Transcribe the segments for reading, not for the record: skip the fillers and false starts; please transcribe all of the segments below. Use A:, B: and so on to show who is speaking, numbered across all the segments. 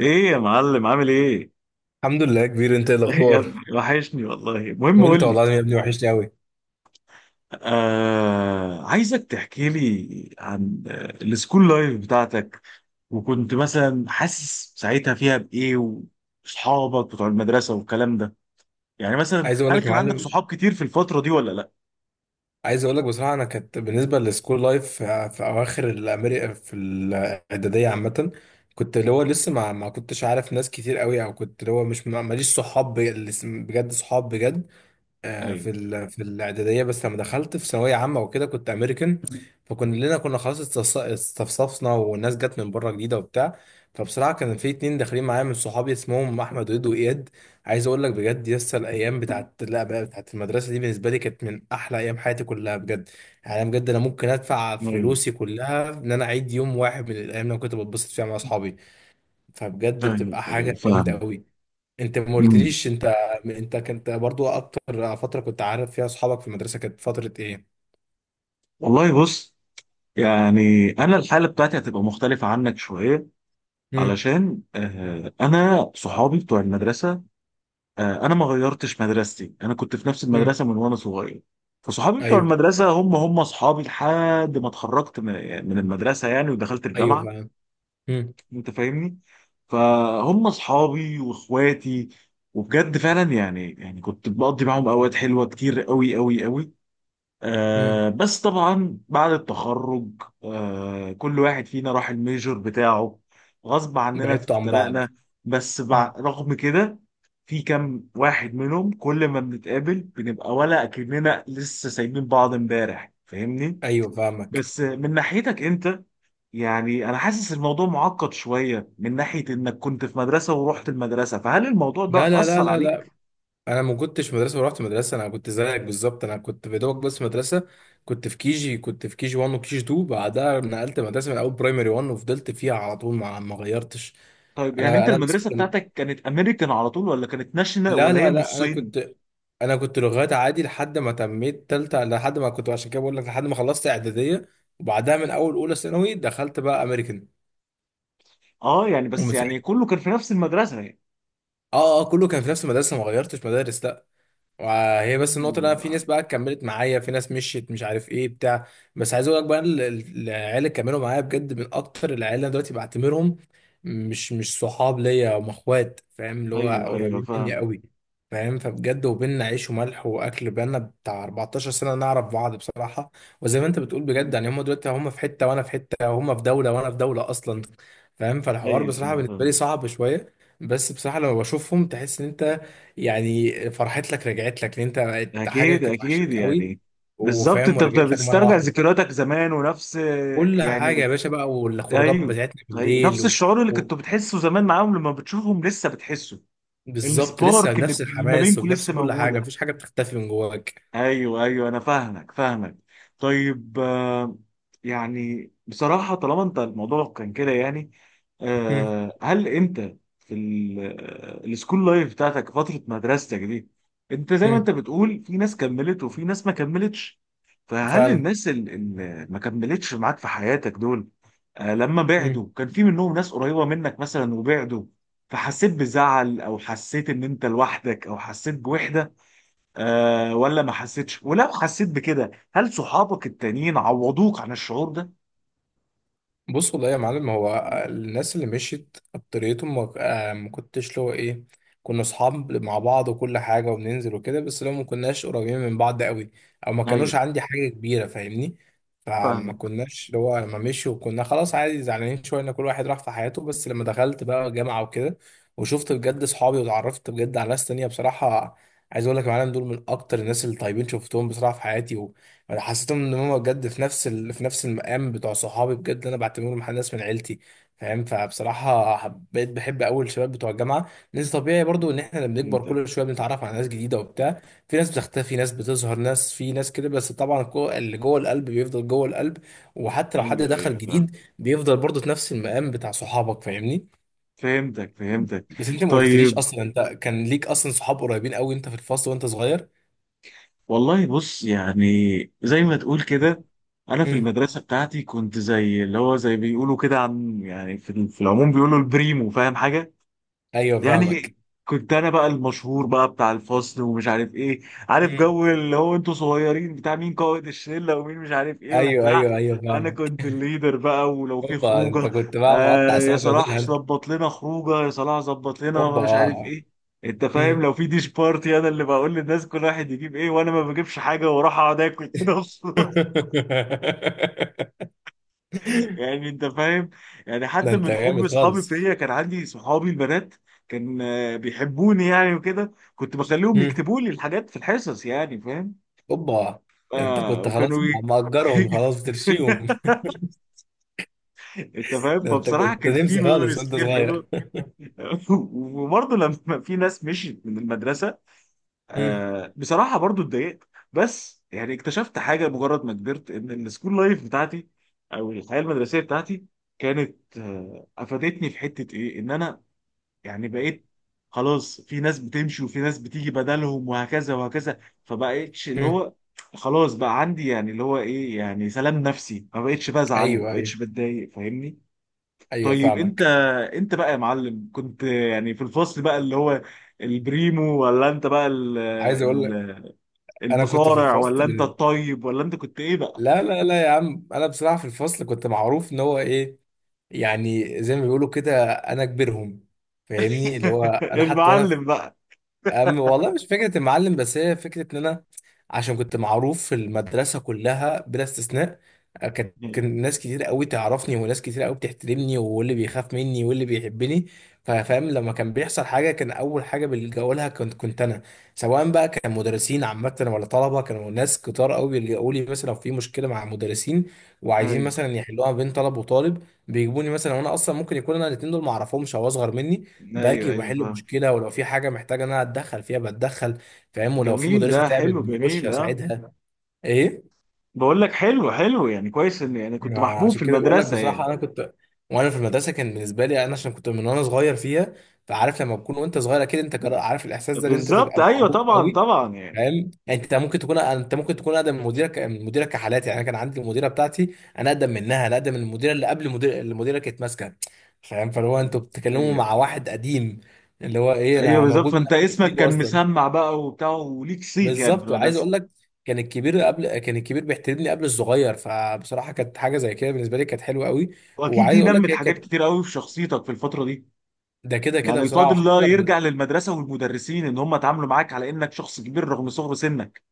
A: ايه يا معلم عامل ايه؟
B: الحمد لله يا كبير، انت ايه
A: يا
B: الاخبار؟
A: ابني وحشني والله. المهم
B: وانت
A: قول لي.
B: والله العظيم يا ابني وحشني قوي.
A: آه، عايزك تحكي لي عن السكول لايف بتاعتك، وكنت مثلا حاسس ساعتها فيها بايه، واصحابك بتوع المدرسه والكلام ده. يعني مثلا
B: عايز اقول
A: هل
B: لك يا
A: كان عندك
B: معلم،
A: صحاب كتير في الفتره دي ولا لا؟
B: عايز اقول لك بصراحه، انا كانت بالنسبه للسكول لايف في اواخر الامريكا في الاعداديه عامه كنت اللي هو لسه ما كنتش عارف ناس كتير قوي، او كنت اللي هو مش ماليش صحاب بجد صحاب بجد.
A: ايوه.
B: في الاعداديه، بس لما دخلت في ثانويه عامه وكده كنت امريكان، فكلنا كنا خلاص استفصفنا والناس جت من بره جديده وبتاع. فبصراحه كان في اتنين داخلين معايا من صحابي اسمهم احمد وإيد واياد. عايز اقول لك بجد، يس الايام بتاعت لا بقى بتاعت المدرسه دي بالنسبه لي كانت من احلى ايام حياتي كلها بجد. يعني أنا بجد انا ممكن ادفع
A: ايوه
B: فلوسي كلها ان انا اعيد يوم واحد من الايام اللي أنا كنت بتبسط فيها مع اصحابي. فبجد
A: ايوه
B: بتبقى
A: ايوه
B: حاجه جامده
A: فاهم.
B: قوي. انت ما
A: أمم.
B: قلتليش انت، انت كنت برضو اكتر فتره كنت عارف فيها اصحابك في المدرسه كانت فتره ايه؟
A: والله بص، يعني انا الحاله بتاعتي هتبقى مختلفه عنك شويه،
B: امم.
A: علشان آه، انا صحابي بتوع المدرسه، انا ما غيرتش مدرستي، انا كنت في نفس
B: امم.
A: المدرسه من وانا صغير. فصحابي بتوع
B: ايوه،
A: المدرسه هم اصحابي لحد ما اتخرجت من، يعني من المدرسه يعني، ودخلت
B: ايوه
A: الجامعه.
B: فاهم. امم.
A: انت فاهمني. فهم اصحابي واخواتي، وبجد فعلا يعني كنت بقضي معاهم اوقات حلوه كتير قوي قوي قوي.
B: امم.
A: آه بس طبعا بعد التخرج، آه كل واحد فينا راح الميجور بتاعه، غصب عننا
B: بعدتوا عن بعض.
A: افترقنا.
B: مم.
A: رغم كده في كام واحد منهم كل ما بنتقابل بنبقى ولا اكننا لسه سايبين بعض امبارح، فاهمني.
B: ايوه فاهمك.
A: بس من ناحيتك انت، يعني انا حاسس الموضوع معقد شوية من ناحية انك كنت في مدرسة ورحت المدرسة، فهل الموضوع
B: لا
A: ده
B: لا لا
A: أثر
B: لا
A: عليك؟
B: لا، انا ما كنتش مدرسه ورحت مدرسه، انا كنت زيك بالظبط، انا كنت في دوبك بس مدرسه. كنت في كيجي، كنت في كيجي 1 وكيجي 2، بعدها نقلت مدرسه من اول برايمري 1 وفضلت فيها على طول، ما غيرتش.
A: طيب يعني
B: انا
A: انت
B: انا بس
A: المدرسة
B: كنت
A: بتاعتك كانت امريكان على طول ولا كانت ناشونال
B: لا
A: ولا هي
B: لا لا، انا
A: نصين؟
B: كنت، انا كنت لغات عادي لحد ما تميت تالتة، لحد ما كنت، عشان كده بقول لك، لحد ما خلصت اعدادية، وبعدها من اول اولى ثانوي دخلت بقى امريكان.
A: اه يعني بس
B: ومن
A: يعني
B: ساعتها
A: كله كان في نفس المدرسة يعني.
B: اه اه كله كان في نفس المدرسة، ما غيرتش مدارس لا. وهي بس النقطة اللي أنا
A: ايوه
B: في ناس بقى كملت معايا، في ناس مشيت مش عارف إيه بتاع. بس عايز أقول لك بقى العيال اللي كملوا معايا بجد من أكتر العيال اللي أنا دلوقتي بعتبرهم مش صحاب ليا، هم إخوات، فاهم؟ اللي هو
A: ايوه
B: قريبين مني
A: فاهم.
B: قوي. فاهم؟ فبجد وبيننا عيش وملح وأكل بقالنا بتاع 14 سنة نعرف بعض بصراحة. وزي ما أنت بتقول بجد،
A: مم.
B: يعني هم دلوقتي هم في حتة وأنا في حتة، هم في دولة وأنا في دولة أصلا. فاهم؟ فالحوار
A: ايوه
B: بصراحة
A: ايوه
B: بالنسبة لي
A: فاهم.
B: صعب شوية. بس بصراحة لما بشوفهم تحس إن أنت، يعني فرحت لك، رجعت لك، لان انت حاجه
A: اكيد
B: كانت
A: اكيد
B: وحشك قوي
A: يعني. بالظبط،
B: وفاهم، ورجعت لك مره
A: بتسترجع
B: واحده.
A: ذكرياتك زمان ونفس،
B: كل حاجه
A: يعني.
B: يا باشا بقى، والخروجات
A: ايوه.
B: بتاعتنا
A: ايوه
B: بالليل
A: نفس الشعور اللي
B: و...
A: كنتوا بتحسه زمان معاهم لما بتشوفهم لسه بتحسه.
B: بالظبط لسه
A: السبارك
B: بنفس
A: اللي ما
B: الحماس
A: بينكم
B: وبنفس
A: لسه
B: كل حاجه،
A: موجودة.
B: مفيش حاجه بتختفي من جواك.
A: ايوه ايوه، انا فاهمك فاهمك. طيب آه، يعني بصراحه طالما انت الموضوع كان كده يعني،
B: مم.
A: آه، هل انت في السكول لايف بتاعتك، فتره مدرستك دي، انت زي ما
B: مم.
A: انت بتقول في ناس كملت وفي ناس ما كملتش، فهل
B: فعلا.
A: الناس اللي ما كملتش معاك في حياتك دول، آه، لما بعدوا كان في منهم ناس قريبه منك مثلا وبعدوا، فحسيت بزعل او حسيت ان انت لوحدك او حسيت بوحده، أه، ولا ما حسيتش؟ ولو حسيت بكده هل صحابك التانيين عوضوك عن الشعور ده؟
B: بص والله يا معلم، هو الناس اللي مشيت اكتريتهم ما ما كنتش له ايه، كنا اصحاب مع بعض وكل حاجه وبننزل وكده، بس لو ما كناش قريبين من بعض قوي، او ما
A: ايوه
B: كانوش عندي حاجه كبيره، فاهمني؟ فما
A: فاهمك.
B: كناش اللي هو لما مشوا كنا خلاص عادي، زعلانين شويه ان كل واحد راح في حياته. بس لما دخلت بقى جامعه وكده وشفت بجد اصحابي واتعرفت بجد على ناس تانية بصراحه، عايز اقول لك يا معلم، دول من اكتر الناس اللي طيبين شفتهم بصراحه في حياتي. انا حسيتهم ان هم بجد في نفس في نفس المقام بتوع صحابي، بجد انا بعتبرهم مع ناس من عيلتي. فاهم؟ فبصراحه بقيت بحب اول الشباب بتوع الجامعه، لان طبيعي برضو ان
A: مهم.
B: احنا لما بنكبر
A: فهمتك.
B: كل شويه بنتعرف على ناس جديده وبتاع. في ناس بتختفي، ناس بتظهر، ناس في ناس كده، بس طبعا اللي جوه القلب بيفضل جوه القلب، وحتى لو حد
A: ايوه ايوه
B: دخل
A: فاهم.
B: جديد بيفضل برضو في نفس المقام بتاع صحابك، فاهمني؟
A: فهمتك فهمتك.
B: بس انت ما قلتليش،
A: طيب،
B: اصلا انت كان ليك اصلا صحاب قريبين قوي انت في الفصل وانت صغير؟
A: والله بص يعني، زي ما تقول كده، انا في
B: مم.
A: المدرسه بتاعتي كنت زي اللي هو، زي بيقولوا كده، عن يعني، في في العموم بيقولوا البريمو، فاهم حاجه
B: ايوه فاهمك.
A: يعني. كنت انا بقى المشهور بقى بتاع الفصل ومش عارف ايه. عارف
B: مم.
A: جو اللي هو انتوا صغيرين بتاع مين قائد الشله ومين مش عارف ايه
B: ايوه
A: وبتاع.
B: ايوه ايوه
A: انا
B: فاهمك.
A: كنت الليدر بقى، ولو في
B: اوبا، انت
A: خروجه
B: كنت بقى
A: آه
B: مقطع
A: يا
B: سمكه
A: صلاح
B: وديلها انت!
A: ظبط لنا خروجه، يا صلاح ظبط لنا
B: اوبا.
A: مش عارف ايه. انت فاهم
B: مم.
A: لو في ديش بارتي انا اللي بقول للناس كل واحد يجيب ايه، وانا ما بجيبش حاجه واروح اقعد اكل كده. يعني انت فاهم. يعني
B: ده
A: حتى
B: انت
A: من حب
B: جامد
A: اصحابي
B: خالص!
A: فيا، كان عندي صحابي البنات، كان بيحبوني يعني، وكده كنت بخليهم
B: مم.
A: يكتبوا لي الحاجات في الحصص، يعني فاهم.
B: اوبا، ده انت
A: آه
B: كنت
A: وكانوا
B: خلاص
A: ي...
B: مأجرهم، خلاص بترشيهم!
A: انت فاهم.
B: ده انت
A: فبصراحه
B: كنت
A: كان في
B: نمسي خالص
A: ميموريز
B: وانت
A: كتير حلوه.
B: صغير!
A: وبرضه لما في ناس مشيت من المدرسه،
B: مم.
A: آه بصراحه برضه اتضايقت، بس يعني اكتشفت حاجه مجرد ما كبرت، ان السكول لايف بتاعتي او الحياه المدرسيه بتاعتي كانت افادتني في حته ايه، ان انا يعني بقيت، خلاص في ناس بتمشي وفي ناس بتيجي بدلهم وهكذا وهكذا. فبقيتش اللي
B: مم.
A: هو، خلاص بقى عندي يعني اللي هو ايه، يعني سلام نفسي، ما بقيتش بزعل ما
B: ايوه
A: بقيتش
B: ايوه
A: بتضايق، فاهمني.
B: ايوه
A: طيب انت،
B: فاهمك.
A: انت بقى يا معلم كنت يعني في الفصل بقى اللي هو البريمو، ولا انت بقى
B: عايز اقول لك، انا كنت في
A: المصارع،
B: الفصل
A: ولا انت الطيب، ولا انت كنت ايه بقى؟
B: لا لا لا يا عم، انا بصراحه في الفصل كنت معروف ان هو ايه، يعني زي ما بيقولوا كده، انا كبيرهم، فاهمني؟ اللي هو انا حتى وانا،
A: المعلم بقى.
B: أم والله مش فكرة المعلم، بس هي فكرة إن أنا عشان كنت معروف في المدرسة كلها بلا استثناء. كانت
A: ايوه
B: كان ناس كتير قوي تعرفني، وناس كتير قوي بتحترمني، واللي بيخاف مني واللي بيحبني. فاهم؟ لما كان بيحصل حاجة كان أول حاجة بيلجأوا لها كنت أنا. سواء بقى كان مدرسين عامة ولا طلبة، كانوا ناس كتار قوي بيلجأوا لي مثلا لو في مشكلة مع مدرسين، وعايزين مثلا يحلوها بين طلب وطالب، بيجيبوني مثلا، وأنا أصلا ممكن يكون أنا الاتنين دول معرفهمش أو أصغر مني.
A: ايوه
B: باجي
A: ايوه
B: وبحل
A: فاهم.
B: مشكله، ولو في حاجه محتاجه ان انا اتدخل فيها بتدخل، فاهم؟ ولو في
A: جميل، ده
B: مدرسه تعبت
A: حلو،
B: بخش
A: جميل، اه.
B: اساعدها. ايه؟
A: بقول لك حلو حلو، يعني كويس ان يعني كنت
B: ما
A: محبوب في
B: عشان كده بقول لك
A: المدرسه يعني.
B: بصراحه، انا كنت وانا في المدرسه كان بالنسبه لي انا عشان كنت من وانا صغير فيها، فعارف لما تكون وانت صغير، اكيد انت عارف الاحساس ده ان انت
A: بالظبط
B: تبقى
A: ايوه
B: معروف
A: طبعا
B: قوي.
A: طبعا يعني.
B: فاهم؟ يعني انت ممكن تكون، انت ممكن تكون اقدم من مديرك، من مديرك كحالات. يعني انا كان عندي المديره بتاعتي انا اقدم منها، انا اقدم من المديره اللي قبل المدير اللي مديرك كانت ماسكه. فاهم؟ فاللي هو انتوا بتتكلموا
A: ايوه
B: مع واحد قديم، اللي هو ايه
A: ايوه
B: انا
A: بالظبط،
B: موجود من
A: فانت
B: قبل ما انتوا
A: اسمك
B: تيجوا
A: كان
B: اصلا.
A: مسمع بقى وبتاع وليك صيت يعني في
B: بالظبط، وعايز
A: المدرسه.
B: اقول لك، كان الكبير قبل، كان الكبير بيحترمني قبل الصغير، فبصراحه كانت حاجه زي كده بالنسبه لي كانت حلوه قوي.
A: واكيد دي
B: وعايز اقول لك
A: نمت
B: هي
A: حاجات
B: كانت،
A: كتير قوي في شخصيتك في الفتره دي.
B: ده كده كده
A: يعني
B: بصراحه،
A: الفضل
B: وحتى
A: الله يرجع
B: لما،
A: للمدرسه والمدرسين ان هم اتعاملوا معاك على انك شخص كبير رغم صغر سنك.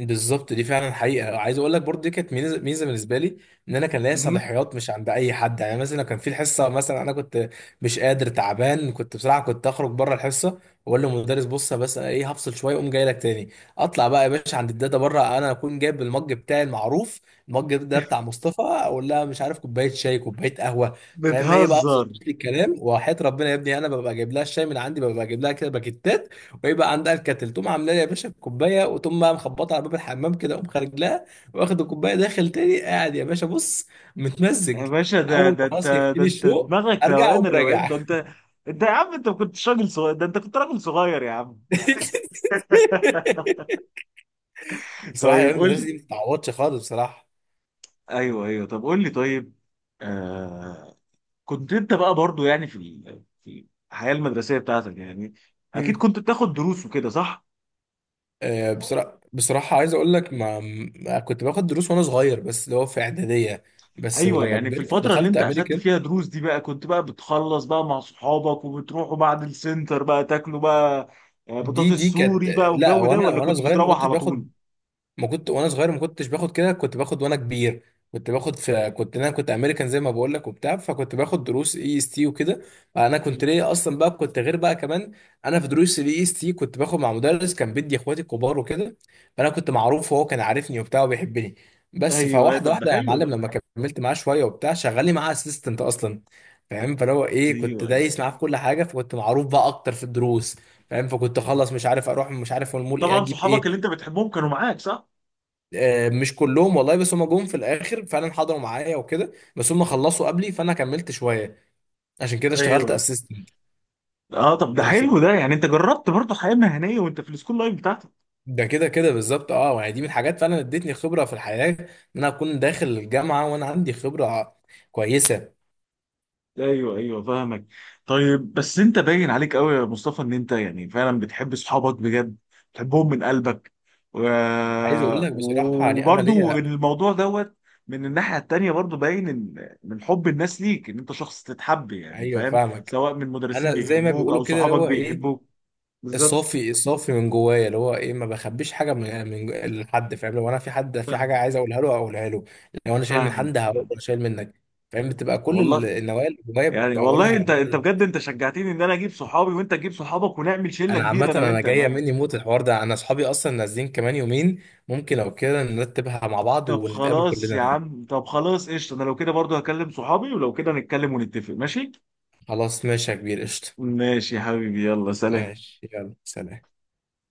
B: بالظبط، دي فعلا حقيقه. عايز اقول لك برضه دي كانت ميزه، ميزة بالنسبه لي ان انا كان ليا
A: مهم.
B: صلاحيات مش عند اي حد. يعني مثلا لو كان في الحصه مثلا انا كنت مش قادر، تعبان، كنت بصراحه كنت اخرج بره الحصه واقول للمدرس بص، بس أنا ايه، هفصل شويه اقوم جاي لك تاني. اطلع بقى يا باشا عند الداتا بره، انا اكون جايب المج بتاعي المعروف. المج ده بتاع مصطفى، اقول لها مش عارف كوبايه شاي كوبايه قهوه، فاهم؟ هي بقى
A: بتهزر.
B: بتظبط لي الكلام وحياه ربنا يا ابني، انا ببقى جايب لها الشاي من عندي، ببقى جايب لها كده باكيتات، ويبقى عندها الكاتل، تقوم عامله لي يا باشا الكوبايه، وتقوم بقى مخبطه على باب الحمام كده، اقوم خارج لها واخد الكوبايه داخل تاني، قاعد يا باشا بص
A: يا
B: متمزج.
A: باشا ده
B: اول
A: ده
B: ما
A: انت،
B: خلاص
A: ده
B: يكفيني
A: انت
B: الشوق
A: دماغك
B: ارجع اقوم
A: روقان الروقان،
B: راجع.
A: ده انت. انت يا عم انت ما كنتش راجل صغير، ده انت كنت راجل صغير يا عم.
B: بصراحه
A: طيب
B: ايام
A: قول
B: المدرسه
A: لي.
B: دي ما بتتعوضش خالص بصراحه.
A: ايوه ايوه، طب قول لي طيب. آه كنت انت بقى برضو، يعني في الحياه المدرسيه بتاعتك، يعني اكيد
B: مم.
A: كنت بتاخد دروس وكده، صح؟
B: بصراحه عايز اقول لك، كنت باخد دروس وانا صغير بس اللي هو في اعداديه، بس
A: ايوه،
B: لما
A: يعني في
B: كبرت
A: الفتره اللي
B: ودخلت
A: انت اخدت
B: امريكان،
A: فيها دروس دي بقى، كنت بقى بتخلص بقى مع صحابك وبتروحوا بعد السنتر بقى تاكلوا بقى آه،
B: دي
A: بطاطس
B: دي كانت
A: سوري بقى
B: لا،
A: والجو ده،
B: وانا
A: ولا
B: وانا
A: كنت
B: صغير ما
A: بتروح
B: كنتش
A: على طول؟
B: باخد، ما كنت وانا صغير ما كنتش باخد كده، كنت باخد وانا كبير. كنت باخد في، كنت انا كنت امريكان زي ما بقول لك وبتاع، فكنت باخد دروس اي اس تي وكده. انا كنت ليا اصلا بقى كنت غير بقى كمان. انا في دروس الاي اس تي كنت باخد مع مدرس كان بيدي اخواتي الكبار وكده، فانا كنت معروف وهو كان عارفني وبتاع وبيحبني. بس
A: ايوه أيوة،
B: فواحده
A: طب ده
B: واحده يا
A: حلو
B: معلم،
A: ده.
B: لما كملت معاه شويه وبتاع شغالي معاه اسيستنت اصلا، فاهم؟ فلو ايه، كنت
A: ايوه ايوه،
B: دايس معاه في كل حاجه، فكنت معروف بقى اكتر في الدروس. فاهم؟ فكنت اخلص مش عارف اروح، مش عارف المول، ايه
A: وطبعا
B: اجيب
A: صحابك اللي
B: ايه.
A: انت بتحبهم كانوا معاك صح؟
B: مش كلهم والله، بس هم جم في الاخر فعلا حضروا معايا وكده، بس هم خلصوا قبلي فانا كملت شويه، عشان كده اشتغلت
A: ايوه.
B: اسيستنت.
A: اه طب ده
B: بس،
A: حلو ده، يعني انت جربت برضه حياه مهنيه وانت في السكول لايف بتاعتك.
B: ده كده كده بالظبط. اه يعني دي من الحاجات فعلا ادتني خبره في الحياه، ان انا اكون داخل الجامعه وانا عندي خبره كويسه.
A: ايوه ايوه فاهمك. طيب بس انت باين عليك قوي يا مصطفى ان انت يعني فعلا بتحب صحابك بجد، بتحبهم من قلبك، و...
B: عايز اقول لك بصراحه يعني انا
A: وبرضه
B: ليا،
A: الموضوع دوت، من الناحيه التانيه برضه باين ان من حب الناس ليك ان انت شخص تتحب، يعني
B: ايوه
A: فاهم،
B: فاهمك.
A: سواء من مدرسين
B: انا زي ما
A: بيحبوك
B: بيقولوا
A: او
B: كده اللي
A: صحابك
B: هو ايه،
A: بيحبوك. بالظبط.
B: الصافي، الصافي من جوايا، اللي هو ايه ما بخبيش حاجه من يعني لحد، فاهم؟ لو انا في حد في حاجه
A: فاهم
B: عايز اقولها له اقولها له، لو انا شايل من
A: فاهم
B: حد هقول
A: فاهم.
B: انا شايل منك. فاهم؟ بتبقى كل
A: والله،
B: النوايا اللي جوايا
A: يعني والله
B: بقولها
A: انت، انت
B: بقول.
A: بجد انت شجعتني ان انا اجيب صحابي وانت تجيب صحابك ونعمل شله
B: انا
A: كبيره
B: عامه
A: انا
B: انا
A: وانت يا
B: جايه
A: معلم.
B: مني موت الحوار ده، انا اصحابي اصلا نازلين كمان يومين، ممكن لو كده نرتبها مع بعض
A: طب
B: ونتقابل
A: خلاص يا
B: كلنا.
A: عم، طب خلاص قشطه، انا لو كده برضو هكلم صحابي، ولو كده نتكلم ونتفق ماشي.
B: خلاص ماشي يا كبير، قشطه.
A: ماشي يا حبيبي، يلا سلام.
B: ماشي يلا سلام.